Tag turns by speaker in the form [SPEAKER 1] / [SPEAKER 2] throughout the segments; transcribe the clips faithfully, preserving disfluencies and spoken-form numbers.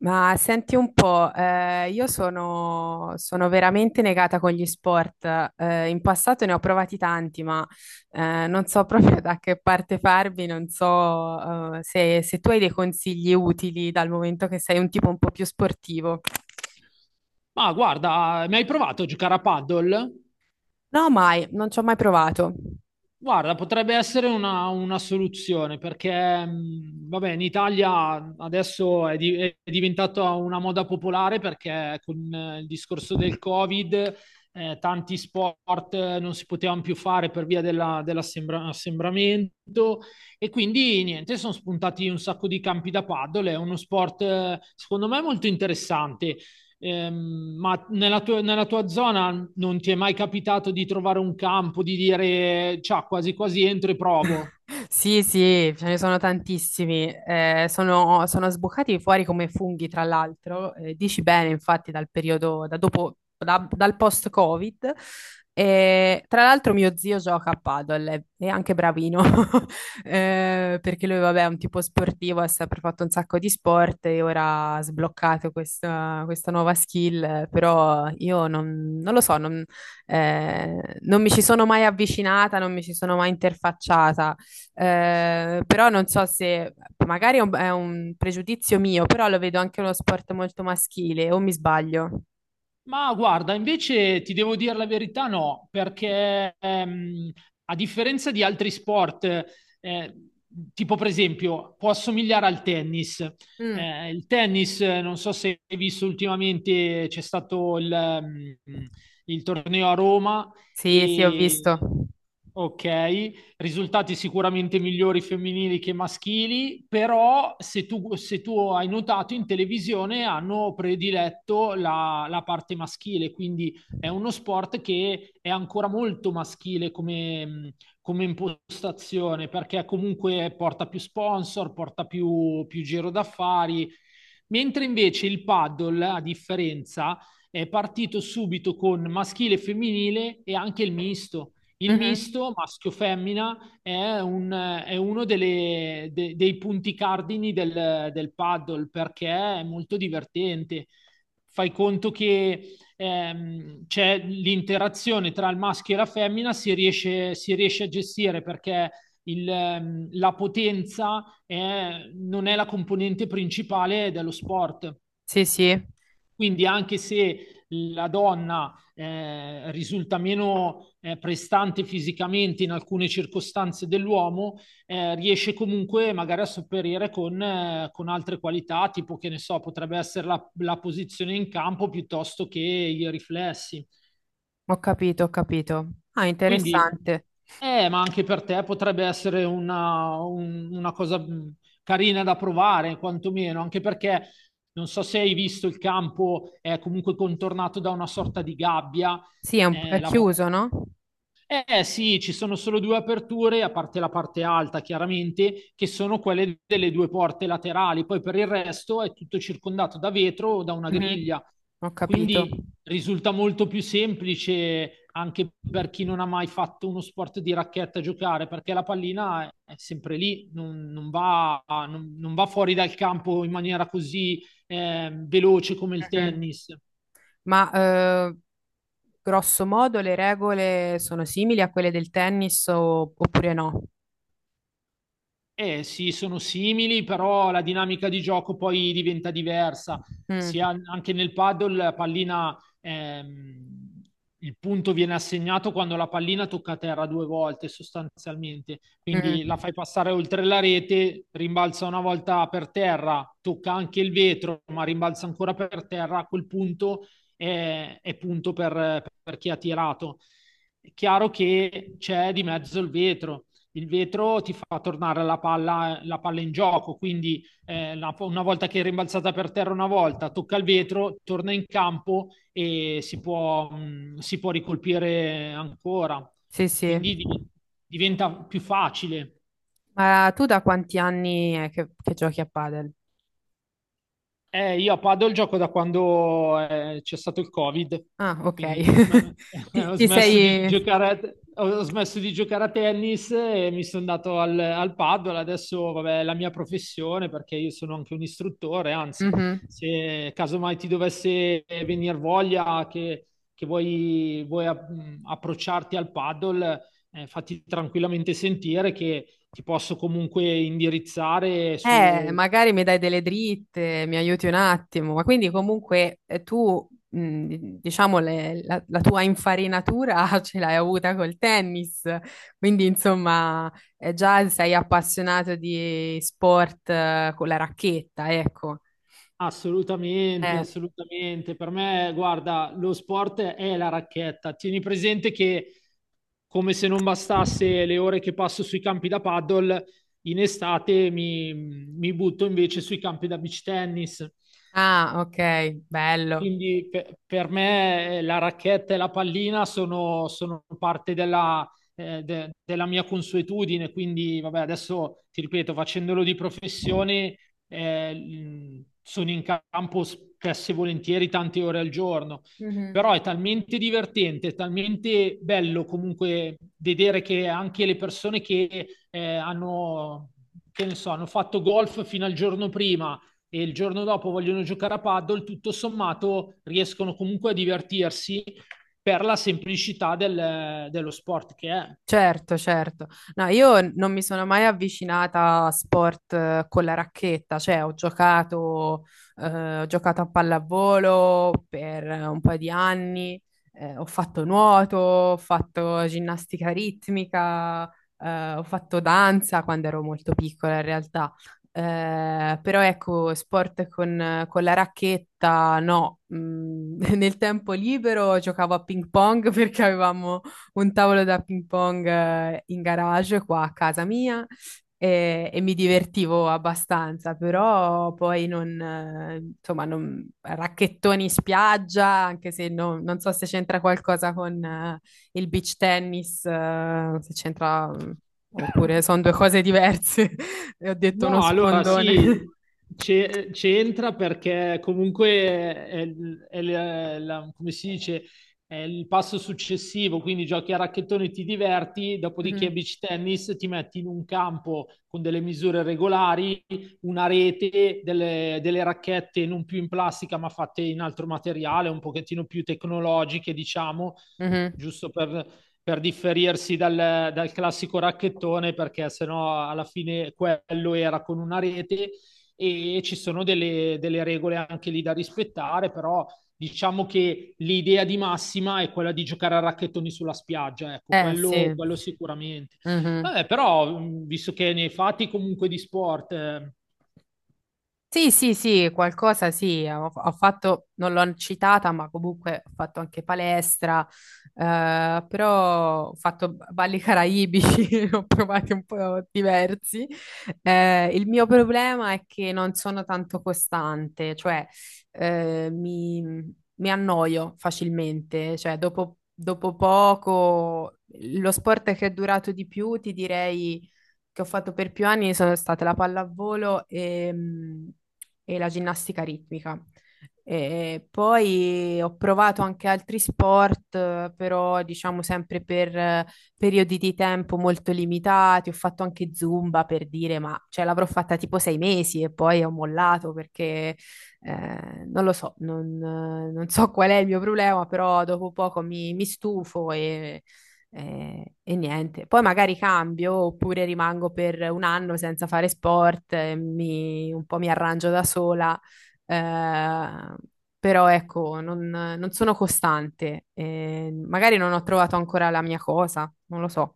[SPEAKER 1] Ma senti un po', eh, io sono, sono veramente negata con gli sport. Eh, in passato ne ho provati tanti, ma eh, non so proprio da che parte farmi, non so eh, se, se tu hai dei consigli utili dal momento che sei un tipo un po' più sportivo.
[SPEAKER 2] Ma guarda, mi hai provato a giocare a paddle?
[SPEAKER 1] No, mai, non ci ho mai provato.
[SPEAKER 2] Guarda, potrebbe essere una, una soluzione perché, mh, vabbè, in Italia adesso è, di- è diventata una moda popolare perché con eh, il discorso del Covid, eh, tanti sport eh, non si potevano più fare per via della- dell'assembramento e quindi niente, sono spuntati un sacco di campi da paddle. È uno sport, eh, secondo me, molto interessante. Ehm, ma nella tua, nella tua zona non ti è mai capitato di trovare un campo, di dire, ciao, quasi quasi entro e provo?
[SPEAKER 1] Sì, sì, ce ne sono tantissimi. Eh, sono, sono sboccati fuori come funghi, tra l'altro. Eh, dici bene, infatti, dal periodo, da dopo, da- dal post-Covid. E, tra l'altro, mio zio gioca a padel, è, è anche bravino. Eh, perché lui, vabbè, è un tipo sportivo, ha sempre fatto un sacco di sport e ora ha sbloccato questa, questa nuova skill. Eh, Però io non, non lo so, non, eh, non mi ci sono mai avvicinata, non mi ci sono mai interfacciata. Eh, però non so se magari è un, è un pregiudizio mio, però lo vedo anche uno sport molto maschile, o mi sbaglio?
[SPEAKER 2] Ma guarda, invece ti devo dire la verità, no, perché ehm, a differenza di altri sport, eh, tipo per esempio, può assomigliare al tennis.
[SPEAKER 1] Mm.
[SPEAKER 2] Eh, il tennis, eh, non so se hai visto ultimamente, c'è stato il, ehm, il torneo a Roma
[SPEAKER 1] Sì, sì, ho
[SPEAKER 2] e...
[SPEAKER 1] visto.
[SPEAKER 2] Ok, risultati sicuramente migliori femminili che maschili, però se tu, se tu hai notato in televisione hanno prediletto la, la parte maschile, quindi è uno sport che è ancora molto maschile come, come impostazione, perché comunque porta più sponsor, porta più, più giro d'affari, mentre invece il paddle, a differenza, è partito subito con maschile e femminile e anche il misto. Il
[SPEAKER 1] Mhm.
[SPEAKER 2] misto maschio-femmina è, un- è uno delle- de- dei punti cardini del, del paddle perché è molto divertente. Fai conto che ehm, c'è l'interazione tra il maschio e la femmina, si riesce, si riesce a gestire perché il, ehm, la potenza è- non è la componente principale dello sport.
[SPEAKER 1] Sì, sì,
[SPEAKER 2] Quindi anche se la donna eh, risulta meno eh, prestante fisicamente in alcune circostanze dell'uomo, eh, riesce comunque magari a sopperire con, eh, con, altre qualità, tipo che ne so, potrebbe essere la, la posizione in campo piuttosto che i riflessi.
[SPEAKER 1] ho capito, ho capito. Ah,
[SPEAKER 2] Quindi,
[SPEAKER 1] interessante.
[SPEAKER 2] eh, ma anche per te potrebbe essere una, un- una cosa mh, carina da provare, quantomeno, anche perché non so se hai visto il campo è comunque contornato da una sorta di gabbia.
[SPEAKER 1] Sì, è, un- è
[SPEAKER 2] eh, la-
[SPEAKER 1] chiuso, no?
[SPEAKER 2] eh sì, ci sono solo due aperture, a parte la parte alta chiaramente, che sono quelle delle due porte laterali, poi per il resto è tutto circondato da vetro o da una
[SPEAKER 1] Mhm.
[SPEAKER 2] griglia,
[SPEAKER 1] Ho capito.
[SPEAKER 2] quindi risulta molto più semplice anche per chi non ha mai fatto uno sport di racchetta giocare, perché la pallina è sempre lì, non, non va, non- non va fuori dal campo in maniera così eh, veloce come il
[SPEAKER 1] Mhm.
[SPEAKER 2] tennis.
[SPEAKER 1] Ma eh, grosso modo le regole sono simili a quelle del tennis o- oppure no?
[SPEAKER 2] Eh sì, sono simili, però la dinamica di gioco poi diventa diversa.
[SPEAKER 1] Mm.
[SPEAKER 2] Sia anche nel paddle, la pallina, ehm, il punto viene assegnato quando la pallina tocca terra due volte sostanzialmente. Quindi la
[SPEAKER 1] Mhm.
[SPEAKER 2] fai passare oltre la rete, rimbalza una volta per terra, tocca anche il vetro, ma rimbalza ancora per terra. A quel punto è, è punto per per chi ha tirato. È chiaro che c'è di mezzo il vetro il vetro ti fa tornare la palla, la palla in gioco, quindi eh, la, una volta che è rimbalzata per terra una volta, tocca il vetro, torna in campo e si può, mh, si può ricolpire ancora.
[SPEAKER 1] Sì, sì.
[SPEAKER 2] Quindi div- diventa più facile.
[SPEAKER 1] Ma tu da quanti anni è che, che giochi a padel?
[SPEAKER 2] Eh, io a Padel gioco da quando eh, c'è stato il Covid,
[SPEAKER 1] Ah, ok.
[SPEAKER 2] quindi ho, sm-
[SPEAKER 1] Ti,
[SPEAKER 2] ho
[SPEAKER 1] ti Da sei...
[SPEAKER 2] smesso di
[SPEAKER 1] tempo,
[SPEAKER 2] giocare a, ho smesso di giocare a tennis e mi sono dato al, al Padel. Adesso, vabbè, è la mia professione perché io sono anche un istruttore, anzi,
[SPEAKER 1] Mhm. Sì.
[SPEAKER 2] se casomai ti dovesse venire voglia che, che vuoi, vuoi app- approcciarti al Padel, eh, fatti tranquillamente sentire che ti posso comunque indirizzare
[SPEAKER 1] Eh,
[SPEAKER 2] su.
[SPEAKER 1] magari mi dai delle dritte, mi aiuti un attimo, ma quindi comunque eh, tu, mh, di- diciamo, le- la, la tua infarinatura ce l'hai avuta col tennis, quindi insomma eh, già sei appassionato di sport eh, con la racchetta, ecco.
[SPEAKER 2] Assolutamente,
[SPEAKER 1] Eh,
[SPEAKER 2] assolutamente. Per me, guarda, lo sport è la racchetta. Tieni presente che, come se non bastasse le ore che passo sui campi da paddle, in estate mi, mi butto invece sui campi da beach tennis.
[SPEAKER 1] ah, ok, bello.
[SPEAKER 2] Quindi pe- per me eh, la racchetta e la pallina sono, sono parte della, eh, de- della mia consuetudine, quindi vabbè, adesso ti ripeto, facendolo di professione, eh, mh, sono in campo spesso e volentieri tante ore al giorno, però è talmente divertente, è talmente bello comunque vedere che anche le persone che eh, hanno, che ne so, hanno fatto golf fino al giorno prima e il giorno dopo vogliono giocare a paddle, tutto sommato riescono comunque a divertirsi per la semplicità del- dello sport che è.
[SPEAKER 1] Certo, certo. No, io non mi sono mai avvicinata a sport eh, con la racchetta, cioè ho giocato, eh, ho giocato a pallavolo per un paio di anni, eh, ho fatto nuoto, ho fatto ginnastica ritmica, eh, ho fatto danza quando ero molto piccola in realtà. Eh, però ecco, sport con, con la racchetta, no. Mm, nel tempo libero giocavo a ping pong perché avevamo un tavolo da ping pong eh, in garage qua a casa mia e, e mi divertivo abbastanza, però poi non, eh, insomma, non, racchettoni in spiaggia, anche se non non so se c'entra qualcosa con eh, il beach tennis, eh, se c'entra, mm, oppure sono due cose diverse, e ho detto uno
[SPEAKER 2] No, allora
[SPEAKER 1] sfondone.
[SPEAKER 2] sì, c'è- c'entra perché comunque è, il- è il- la- come si dice, è il passo successivo, quindi giochi a racchettone ti diverti, dopodiché a
[SPEAKER 1] Mhm,
[SPEAKER 2] beach tennis ti metti in un campo con delle misure regolari, una rete, delle, delle racchette non più in plastica ma fatte in altro materiale, un pochettino più tecnologiche, diciamo,
[SPEAKER 1] mhm.
[SPEAKER 2] giusto per per differirsi dal, dal classico racchettone, perché sennò alla fine quello era con una rete e ci sono delle, delle regole anche lì da rispettare, però diciamo che l'idea di massima è quella di giocare a racchettoni sulla spiaggia, ecco,
[SPEAKER 1] Eh
[SPEAKER 2] quello,
[SPEAKER 1] sì.
[SPEAKER 2] quello sicuramente.
[SPEAKER 1] Mhm.
[SPEAKER 2] Vabbè, però, mh, visto che nei fatti comunque di sport eh,
[SPEAKER 1] Sì, sì, sì, qualcosa sì, ho, ho fatto, non l'ho citata, ma comunque ho fatto anche palestra, eh, però ho fatto balli caraibici, ne ho provati un po' diversi. Eh, il mio problema è che non sono tanto costante, cioè eh, mi, mi annoio facilmente, cioè dopo, dopo poco, lo sport che è durato di più, ti direi che ho fatto per più anni sono state la pallavolo e, mh, e la ginnastica ritmica. E poi ho provato anche altri sport, eh, però diciamo sempre per eh, periodi di tempo molto limitati. Ho fatto anche Zumba per dire, ma cioè, l'avrò fatta tipo sei mesi e poi ho mollato perché eh, non lo so, non, eh, non so qual è il mio problema, però dopo poco mi, mi stufo e eh, e niente, poi magari cambio oppure rimango per un anno senza fare sport, eh, mi- un po' mi arrangio da sola, eh, però ecco, non, non sono costante, eh, magari non ho trovato ancora la mia cosa, non lo so.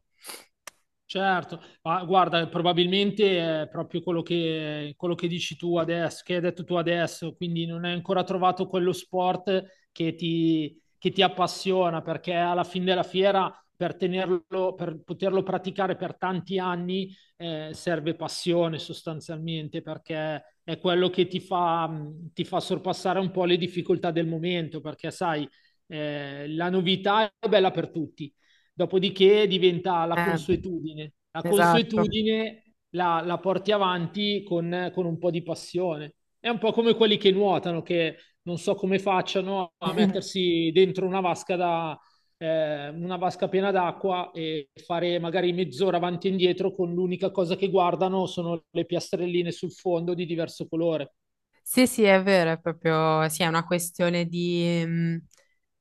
[SPEAKER 2] Certo, ma guarda, probabilmente è proprio quello che, quello che dici tu adesso, che hai detto tu adesso, quindi non hai ancora trovato quello sport che ti, che ti appassiona, perché alla fine della fiera, per tenerlo, per poterlo praticare per tanti anni, eh, serve passione sostanzialmente, perché è quello che ti fa, mh, ti fa sorpassare un po' le difficoltà del momento, perché sai, eh, la novità è bella per tutti. Dopodiché diventa la
[SPEAKER 1] Eh,
[SPEAKER 2] consuetudine. La
[SPEAKER 1] esatto.
[SPEAKER 2] consuetudine la, la porti avanti con, con un po' di passione. È un po' come quelli che nuotano, che non so come facciano a mettersi dentro una vasca da, eh, una vasca piena d'acqua e fare magari mezz'ora avanti e indietro con l'unica cosa che guardano sono le piastrelline sul fondo di diverso colore.
[SPEAKER 1] Sì, sì, è vero, è proprio, sì, è una questione di, mm,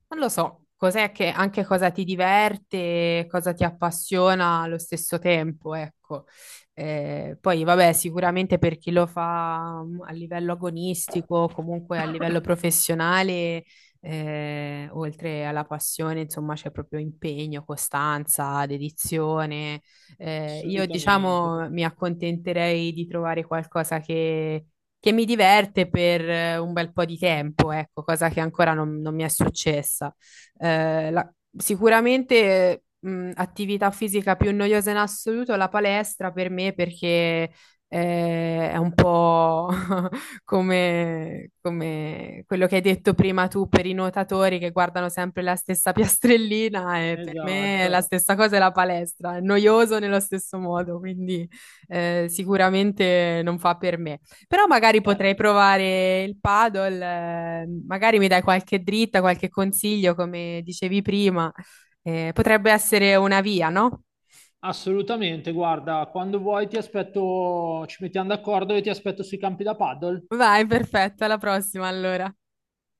[SPEAKER 1] non lo so, cos'è che, anche cosa ti diverte, cosa ti appassiona allo stesso tempo, ecco. Eh, poi, vabbè, sicuramente per chi lo fa mm, a livello agonistico, comunque a livello professionale, eh, oltre alla passione, insomma, c'è proprio impegno, costanza, dedizione. Eh, io,
[SPEAKER 2] Assolutamente.
[SPEAKER 1] diciamo, mi accontenterei di trovare qualcosa che che mi diverte per eh, un bel po' di tempo, ecco, cosa che ancora non, non mi è successa. Eh, la- Sicuramente, mh, attività fisica più noiosa in assoluto è la palestra per me perché eh, è un po' come, come quello che hai detto prima tu per i nuotatori che guardano sempre la stessa piastrellina e per me la
[SPEAKER 2] Esatto.
[SPEAKER 1] stessa cosa è la palestra, è noioso nello stesso modo, quindi eh, sicuramente non fa per me. Però magari
[SPEAKER 2] Eh,
[SPEAKER 1] potrei provare il paddle, eh, magari mi dai qualche dritta, qualche consiglio, come dicevi prima. Eh, potrebbe essere una via, no?
[SPEAKER 2] Assolutamente, guarda, quando vuoi ti aspetto, ci mettiamo d'accordo e ti aspetto sui campi da paddle.
[SPEAKER 1] Vai, perfetto, alla prossima allora.